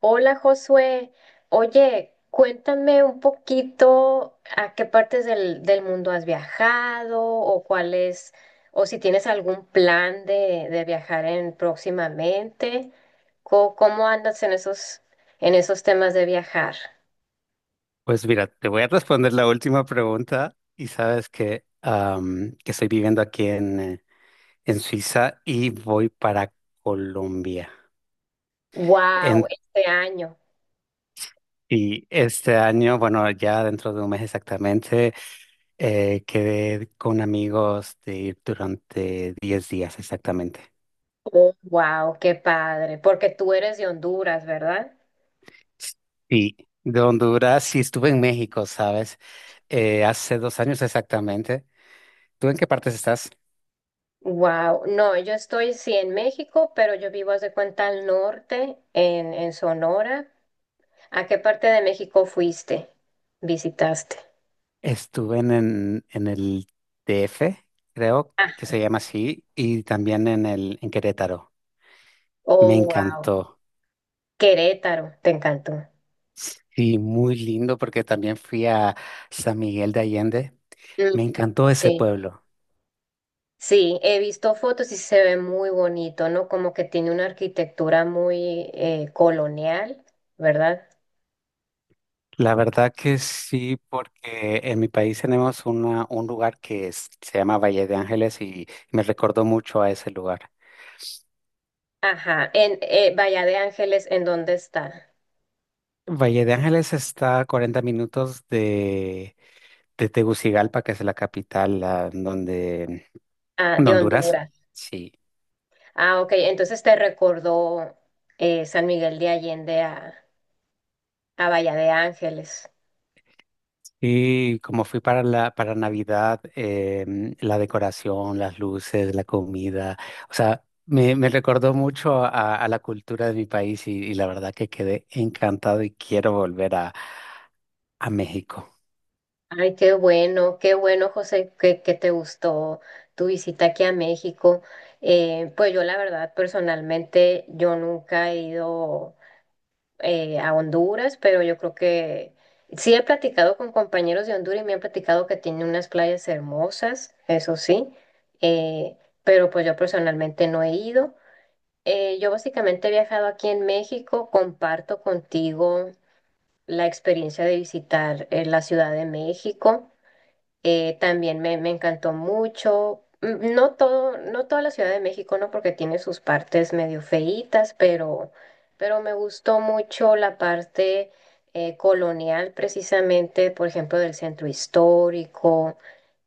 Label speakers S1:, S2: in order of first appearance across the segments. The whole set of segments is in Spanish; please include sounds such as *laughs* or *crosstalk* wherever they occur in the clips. S1: Hola Josué, oye, cuéntame un poquito a qué partes del mundo has viajado o cuál es, o si tienes algún plan de viajar en próximamente. ¿Cómo andas en esos temas de viajar?
S2: Pues mira, te voy a responder la última pregunta y sabes que, que estoy viviendo aquí en, en Suiza y voy para Colombia.
S1: Wow,
S2: En-
S1: este año.
S2: y este año, bueno, ya dentro de un mes exactamente, quedé con amigos de ir durante 10 días exactamente.
S1: Wow, qué padre, porque tú eres de Honduras, ¿verdad?
S2: Sí, de Honduras y estuve en México, ¿sabes? Hace 2 años exactamente. ¿Tú en qué partes estás?
S1: Wow, no, yo estoy sí en México, pero yo vivo, haz de cuenta, al norte, en Sonora. ¿A qué parte de México fuiste? ¿Visitaste?
S2: Estuve en el DF, creo que
S1: Ah,
S2: se llama así, y también en el, en Querétaro. Me
S1: oh, wow.
S2: encantó.
S1: Querétaro, te encantó.
S2: Sí, muy lindo porque también fui a San Miguel de Allende.
S1: Mm.
S2: Me encantó ese
S1: Sí.
S2: pueblo.
S1: Sí, he visto fotos y se ve muy bonito, ¿no? Como que tiene una arquitectura muy colonial, ¿verdad?
S2: La verdad que sí, porque en mi país tenemos una, un lugar se llama Valle de Ángeles y me recordó mucho a ese lugar.
S1: Ajá. En Bahía de Ángeles, ¿en dónde está?
S2: Valle de Ángeles está a 40 minutos de Tegucigalpa, que es la capital, la- donde
S1: Ah,
S2: De
S1: de
S2: Honduras,
S1: Honduras.
S2: sí.
S1: Ah, ok. Entonces te recordó San Miguel de Allende a Bahía de Ángeles.
S2: Y como fui para la, para Navidad, la decoración, las luces, la comida, o sea, me recordó mucho a la cultura de mi país y la verdad que quedé encantado y quiero volver a México.
S1: Ay, qué bueno, José, que te gustó tu visita aquí a México. Pues yo la verdad, personalmente, yo nunca he ido a Honduras, pero yo creo que sí he platicado con compañeros de Honduras y me han platicado que tiene unas playas hermosas, eso sí, eh, pero pues yo personalmente no he ido. Yo básicamente he viajado aquí en México, comparto contigo la experiencia de visitar la Ciudad de México. También me encantó mucho. Mm, no todo, no toda la Ciudad de México, ¿no? Porque tiene sus partes medio feitas, pero me gustó mucho la parte colonial, precisamente, por ejemplo, del centro histórico.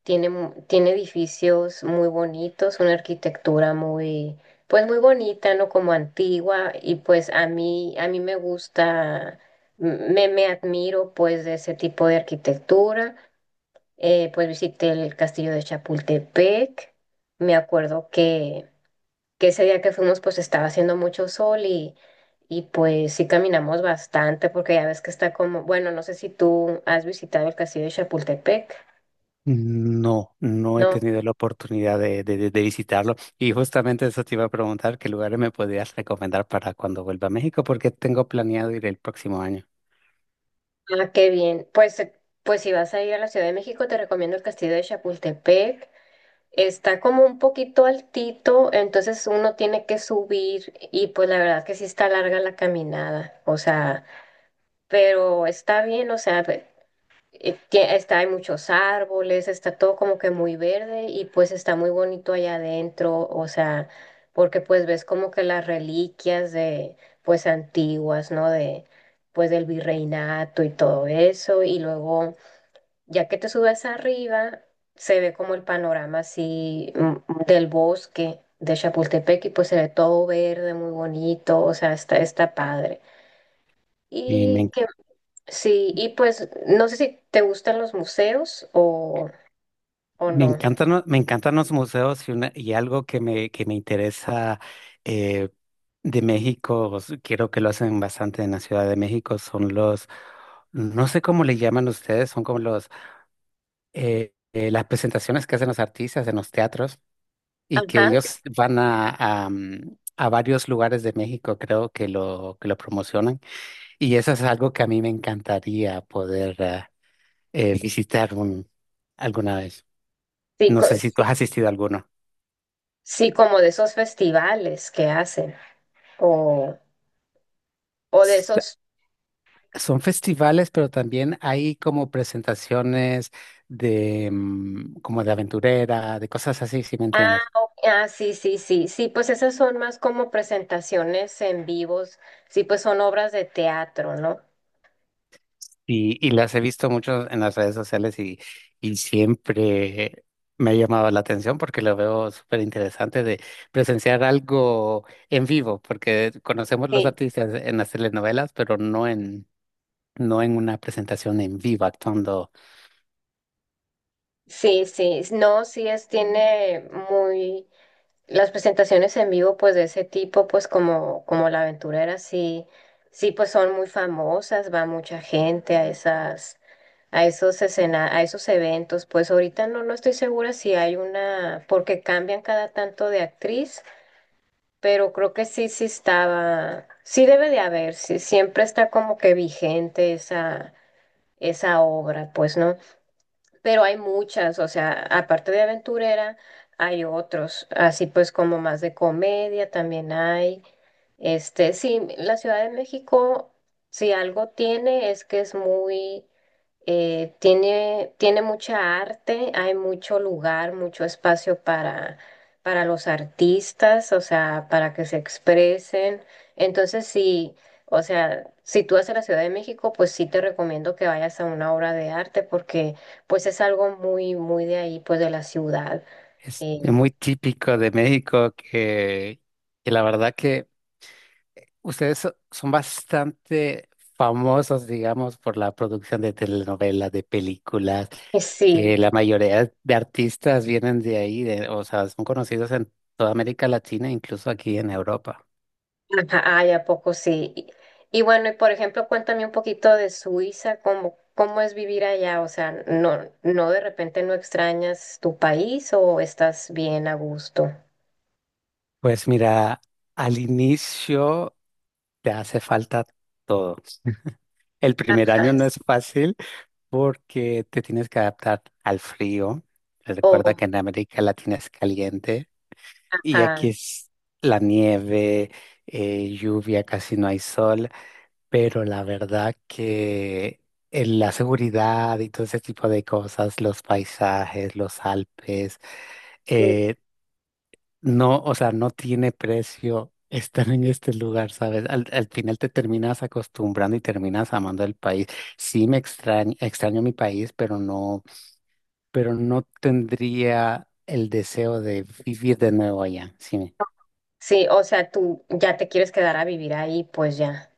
S1: Tiene, tiene edificios muy bonitos, una arquitectura muy, pues muy bonita, ¿no? Como antigua. Y pues a mí me gusta, me admiro pues de ese tipo de arquitectura. Pues visité el castillo de Chapultepec. Me acuerdo que ese día que fuimos pues estaba haciendo mucho sol y pues sí caminamos bastante porque ya ves que está como, bueno, no sé si tú has visitado el castillo de Chapultepec.
S2: No, no he
S1: No,
S2: tenido la oportunidad de visitarlo y justamente eso te iba a preguntar, ¿qué lugares me podías recomendar para cuando vuelva a México? Porque tengo planeado ir el próximo año.
S1: ah, qué bien. Pues, pues si vas a ir a la Ciudad de México te recomiendo el castillo de Chapultepec. Está como un poquito altito, entonces uno tiene que subir y pues la verdad que sí está larga la caminada. O sea, pero está bien, o sea, está, hay muchos árboles, está todo como que muy verde y pues está muy bonito allá adentro, o sea, porque pues ves como que las reliquias de, pues antiguas, ¿no? De, pues del virreinato y todo eso, y luego, ya que te subes arriba, se ve como el panorama así del bosque de Chapultepec y pues se ve todo verde, muy bonito, o sea, está, está padre.
S2: Y
S1: Y
S2: me
S1: qué. Sí, y pues no sé si te gustan los museos o
S2: Me
S1: no.
S2: encantan, me encantan los museos y, y algo que me interesa eh, de México, quiero que lo hacen bastante en la Ciudad de México, son los, no sé cómo le llaman ustedes, son como los, las presentaciones que hacen los artistas en los teatros y que
S1: Ajá,
S2: ellos van a, a varios lugares de México, creo que que lo promocionan. Y eso es algo que a mí me encantaría poder visitar alguna vez.
S1: sí,
S2: No sé si tú
S1: sí,
S2: has asistido a alguno.
S1: sí, como de esos festivales que hacen o, o de
S2: S-
S1: esos...
S2: Son festivales, pero también hay como presentaciones de como de aventurera, de cosas así, si me
S1: Ah,
S2: entiendes.
S1: ok, ah, sí, sí, sí, sí, pues esas son más como presentaciones en vivos, sí, pues son obras de teatro, ¿no?
S2: Y las he visto mucho en las redes sociales y siempre me ha llamado la atención porque lo veo súper interesante de presenciar algo en vivo, porque conocemos los
S1: Sí,
S2: artistas en las telenovelas, pero no en, no en una presentación en vivo actuando.
S1: sí, sí, no, sí es, tiene muy... Las presentaciones en vivo, pues de ese tipo, pues como, como la aventurera, sí, sí, pues son muy famosas, va mucha gente a esas, a esos escena, a esos eventos. Pues ahorita no, no estoy segura si hay una, porque cambian cada tanto de actriz, pero creo que sí, sí estaba, sí debe de haber, sí, siempre está como que vigente esa, esa obra, pues, ¿no? Pero hay muchas, o sea, aparte de aventurera, hay otros, así pues como más de comedia también hay. Este, sí, la Ciudad de México, si algo tiene, es que es muy, tiene, tiene mucha arte, hay mucho lugar, mucho espacio para los artistas, o sea, para que se expresen. Entonces, sí, o sea, si tú vas a la Ciudad de México, pues sí te recomiendo que vayas a una obra de arte porque pues es algo muy, muy de ahí, pues de la ciudad.
S2: Es
S1: Eh,
S2: muy típico de México que la verdad que ustedes son bastante famosos, digamos, por la producción de telenovelas, de películas,
S1: y sí.
S2: que la mayoría de artistas vienen de ahí, o sea, son conocidos en toda América Latina, incluso aquí en Europa.
S1: Ajá, ay, ¿a poco sí? Y bueno, y por ejemplo, cuéntame un poquito de Suiza, cómo es vivir allá, o sea, no, no de repente no extrañas tu país o estás bien a gusto.
S2: Pues mira, al inicio te hace falta todo. El primer
S1: Ajá,
S2: año no es fácil porque te tienes que adaptar al frío. Recuerda
S1: o,
S2: que en América Latina es caliente. Y
S1: ajá,
S2: aquí es la nieve, lluvia, casi no hay sol, pero la verdad que en la seguridad y todo ese tipo de cosas, los paisajes, los Alpes,
S1: mm,
S2: eh, no, o sea, no tiene precio estar en este lugar, ¿sabes? Al final te terminas acostumbrando y terminas amando el país. Sí me extraño, extraño mi país, pero no tendría el deseo de vivir de nuevo allá, ¿sí?
S1: sí, o sea, tú ya te quieres quedar a vivir ahí, pues ya.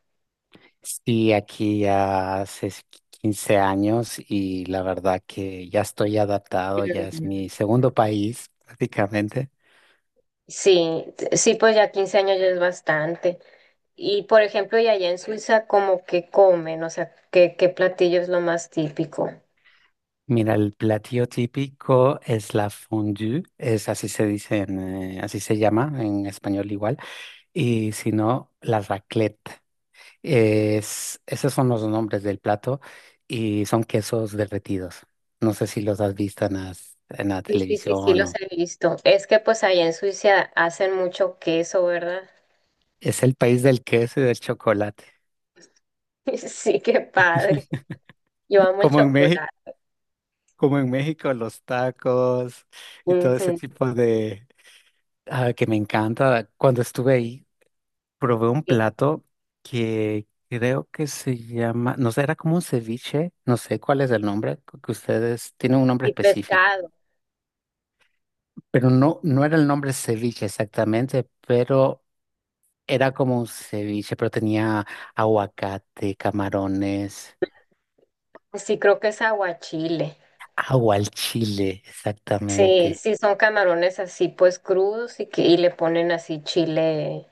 S2: Sí, aquí ya hace 15 años y la verdad que ya estoy adaptado, ya es
S1: Mm.
S2: mi segundo país prácticamente.
S1: Sí, sí, pues ya 15 años ya es bastante. Y por ejemplo, y allá en Suiza, ¿cómo que comen? O sea, ¿qué, qué platillo es lo más típico?
S2: Mira, el platillo típico es la fondue, es así se dice, así se llama en español igual, y si no, la raclette. Es, esos son los nombres del plato y son quesos derretidos. No sé si los has visto en en la
S1: Sí, sí, sí, sí,
S2: televisión
S1: los
S2: o…
S1: he visto. Es que pues allá en Suiza hacen mucho queso, ¿verdad?
S2: Es el país del queso y del chocolate.
S1: *laughs* Sí, qué padre. Yo
S2: *laughs*
S1: amo el
S2: Como en México.
S1: chocolate.
S2: Como en México, los tacos y todo ese
S1: Ujú,
S2: tipo de que me encanta. Cuando estuve ahí, probé un
S1: sí.
S2: plato que creo que se llama, no sé, era como un ceviche, no sé cuál es el nombre, que ustedes tienen un nombre
S1: Y
S2: específico,
S1: pescado.
S2: pero no, no era el nombre ceviche exactamente, pero era como un ceviche, pero tenía aguacate, camarones,
S1: Sí, creo que es aguachile.
S2: agua al chile,
S1: Sí,
S2: exactamente.
S1: sí, son camarones así pues crudos y, que, y le ponen así chile,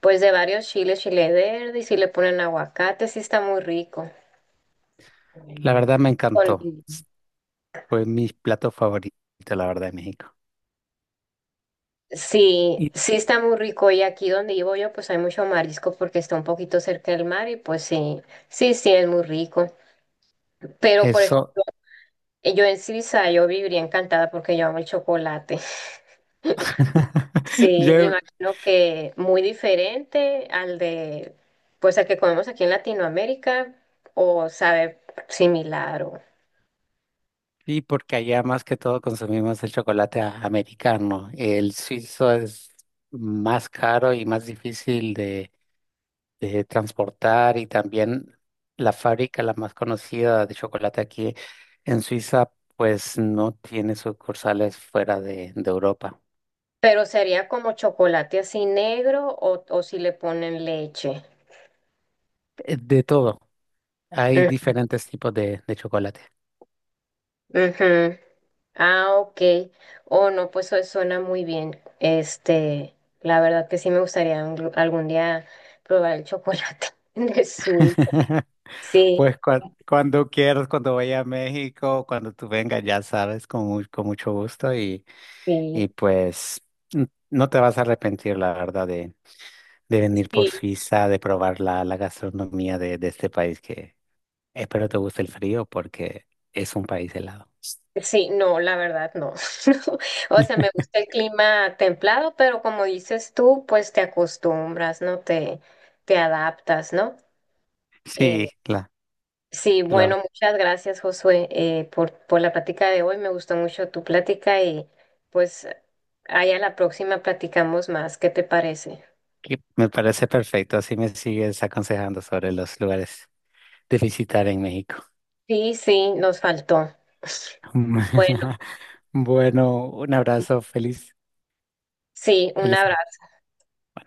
S1: pues de varios chiles, chile verde y sí le ponen aguacate, sí está muy rico.
S2: La verdad me
S1: Con-
S2: encantó. Fue mi plato favorito, la verdad, de México.
S1: Sí,
S2: Y
S1: sí está muy rico y aquí donde vivo yo pues hay mucho marisco porque está un poquito cerca del mar y pues sí, sí, sí es muy rico. Pero por
S2: Eso.
S1: ejemplo, yo en Suiza yo viviría encantada porque yo amo el chocolate. *laughs*
S2: *laughs*
S1: Sí, me
S2: Yo,
S1: imagino que muy diferente al de pues al que comemos aquí en Latinoamérica o sabe similar o...
S2: y porque allá más que todo consumimos el chocolate americano. El suizo es más caro y más difícil de transportar y también la fábrica, la más conocida de chocolate aquí en Suiza, pues no tiene sucursales fuera de Europa.
S1: Pero sería como chocolate así negro o si le ponen leche.
S2: De todo. Hay
S1: Mm,
S2: diferentes tipos de chocolate.
S1: ujú. Ah, ok. Oh, no, pues eso suena muy bien. Este, la verdad que sí me gustaría algún día probar el chocolate *laughs* de Suiza.
S2: *laughs*
S1: Sí,
S2: Pues cuando quieras, cuando vaya a México, cuando tú vengas, ya sabes, con, con mucho gusto
S1: sí,
S2: y pues no te vas a arrepentir, la verdad, de venir por
S1: sí,
S2: Suiza, de probar la, la gastronomía de este país que espero te guste el frío porque es un país helado.
S1: sí, no, la verdad no. *laughs* O sea, me gusta el clima templado, pero como dices tú, pues te acostumbras, ¿no? Te adaptas, ¿no? Eh,
S2: Sí,
S1: sí,
S2: la,
S1: bueno, muchas gracias, Josué, por la plática de hoy. Me gustó mucho tu plática y pues ahí a la próxima platicamos más. ¿Qué te parece?
S2: que me parece perfecto, así me sigues aconsejando sobre los lugares de visitar en México.
S1: Sí, sí, nos faltó. Bueno,
S2: *laughs* Bueno, un abrazo, feliz,
S1: sí, un
S2: feliz.
S1: abrazo.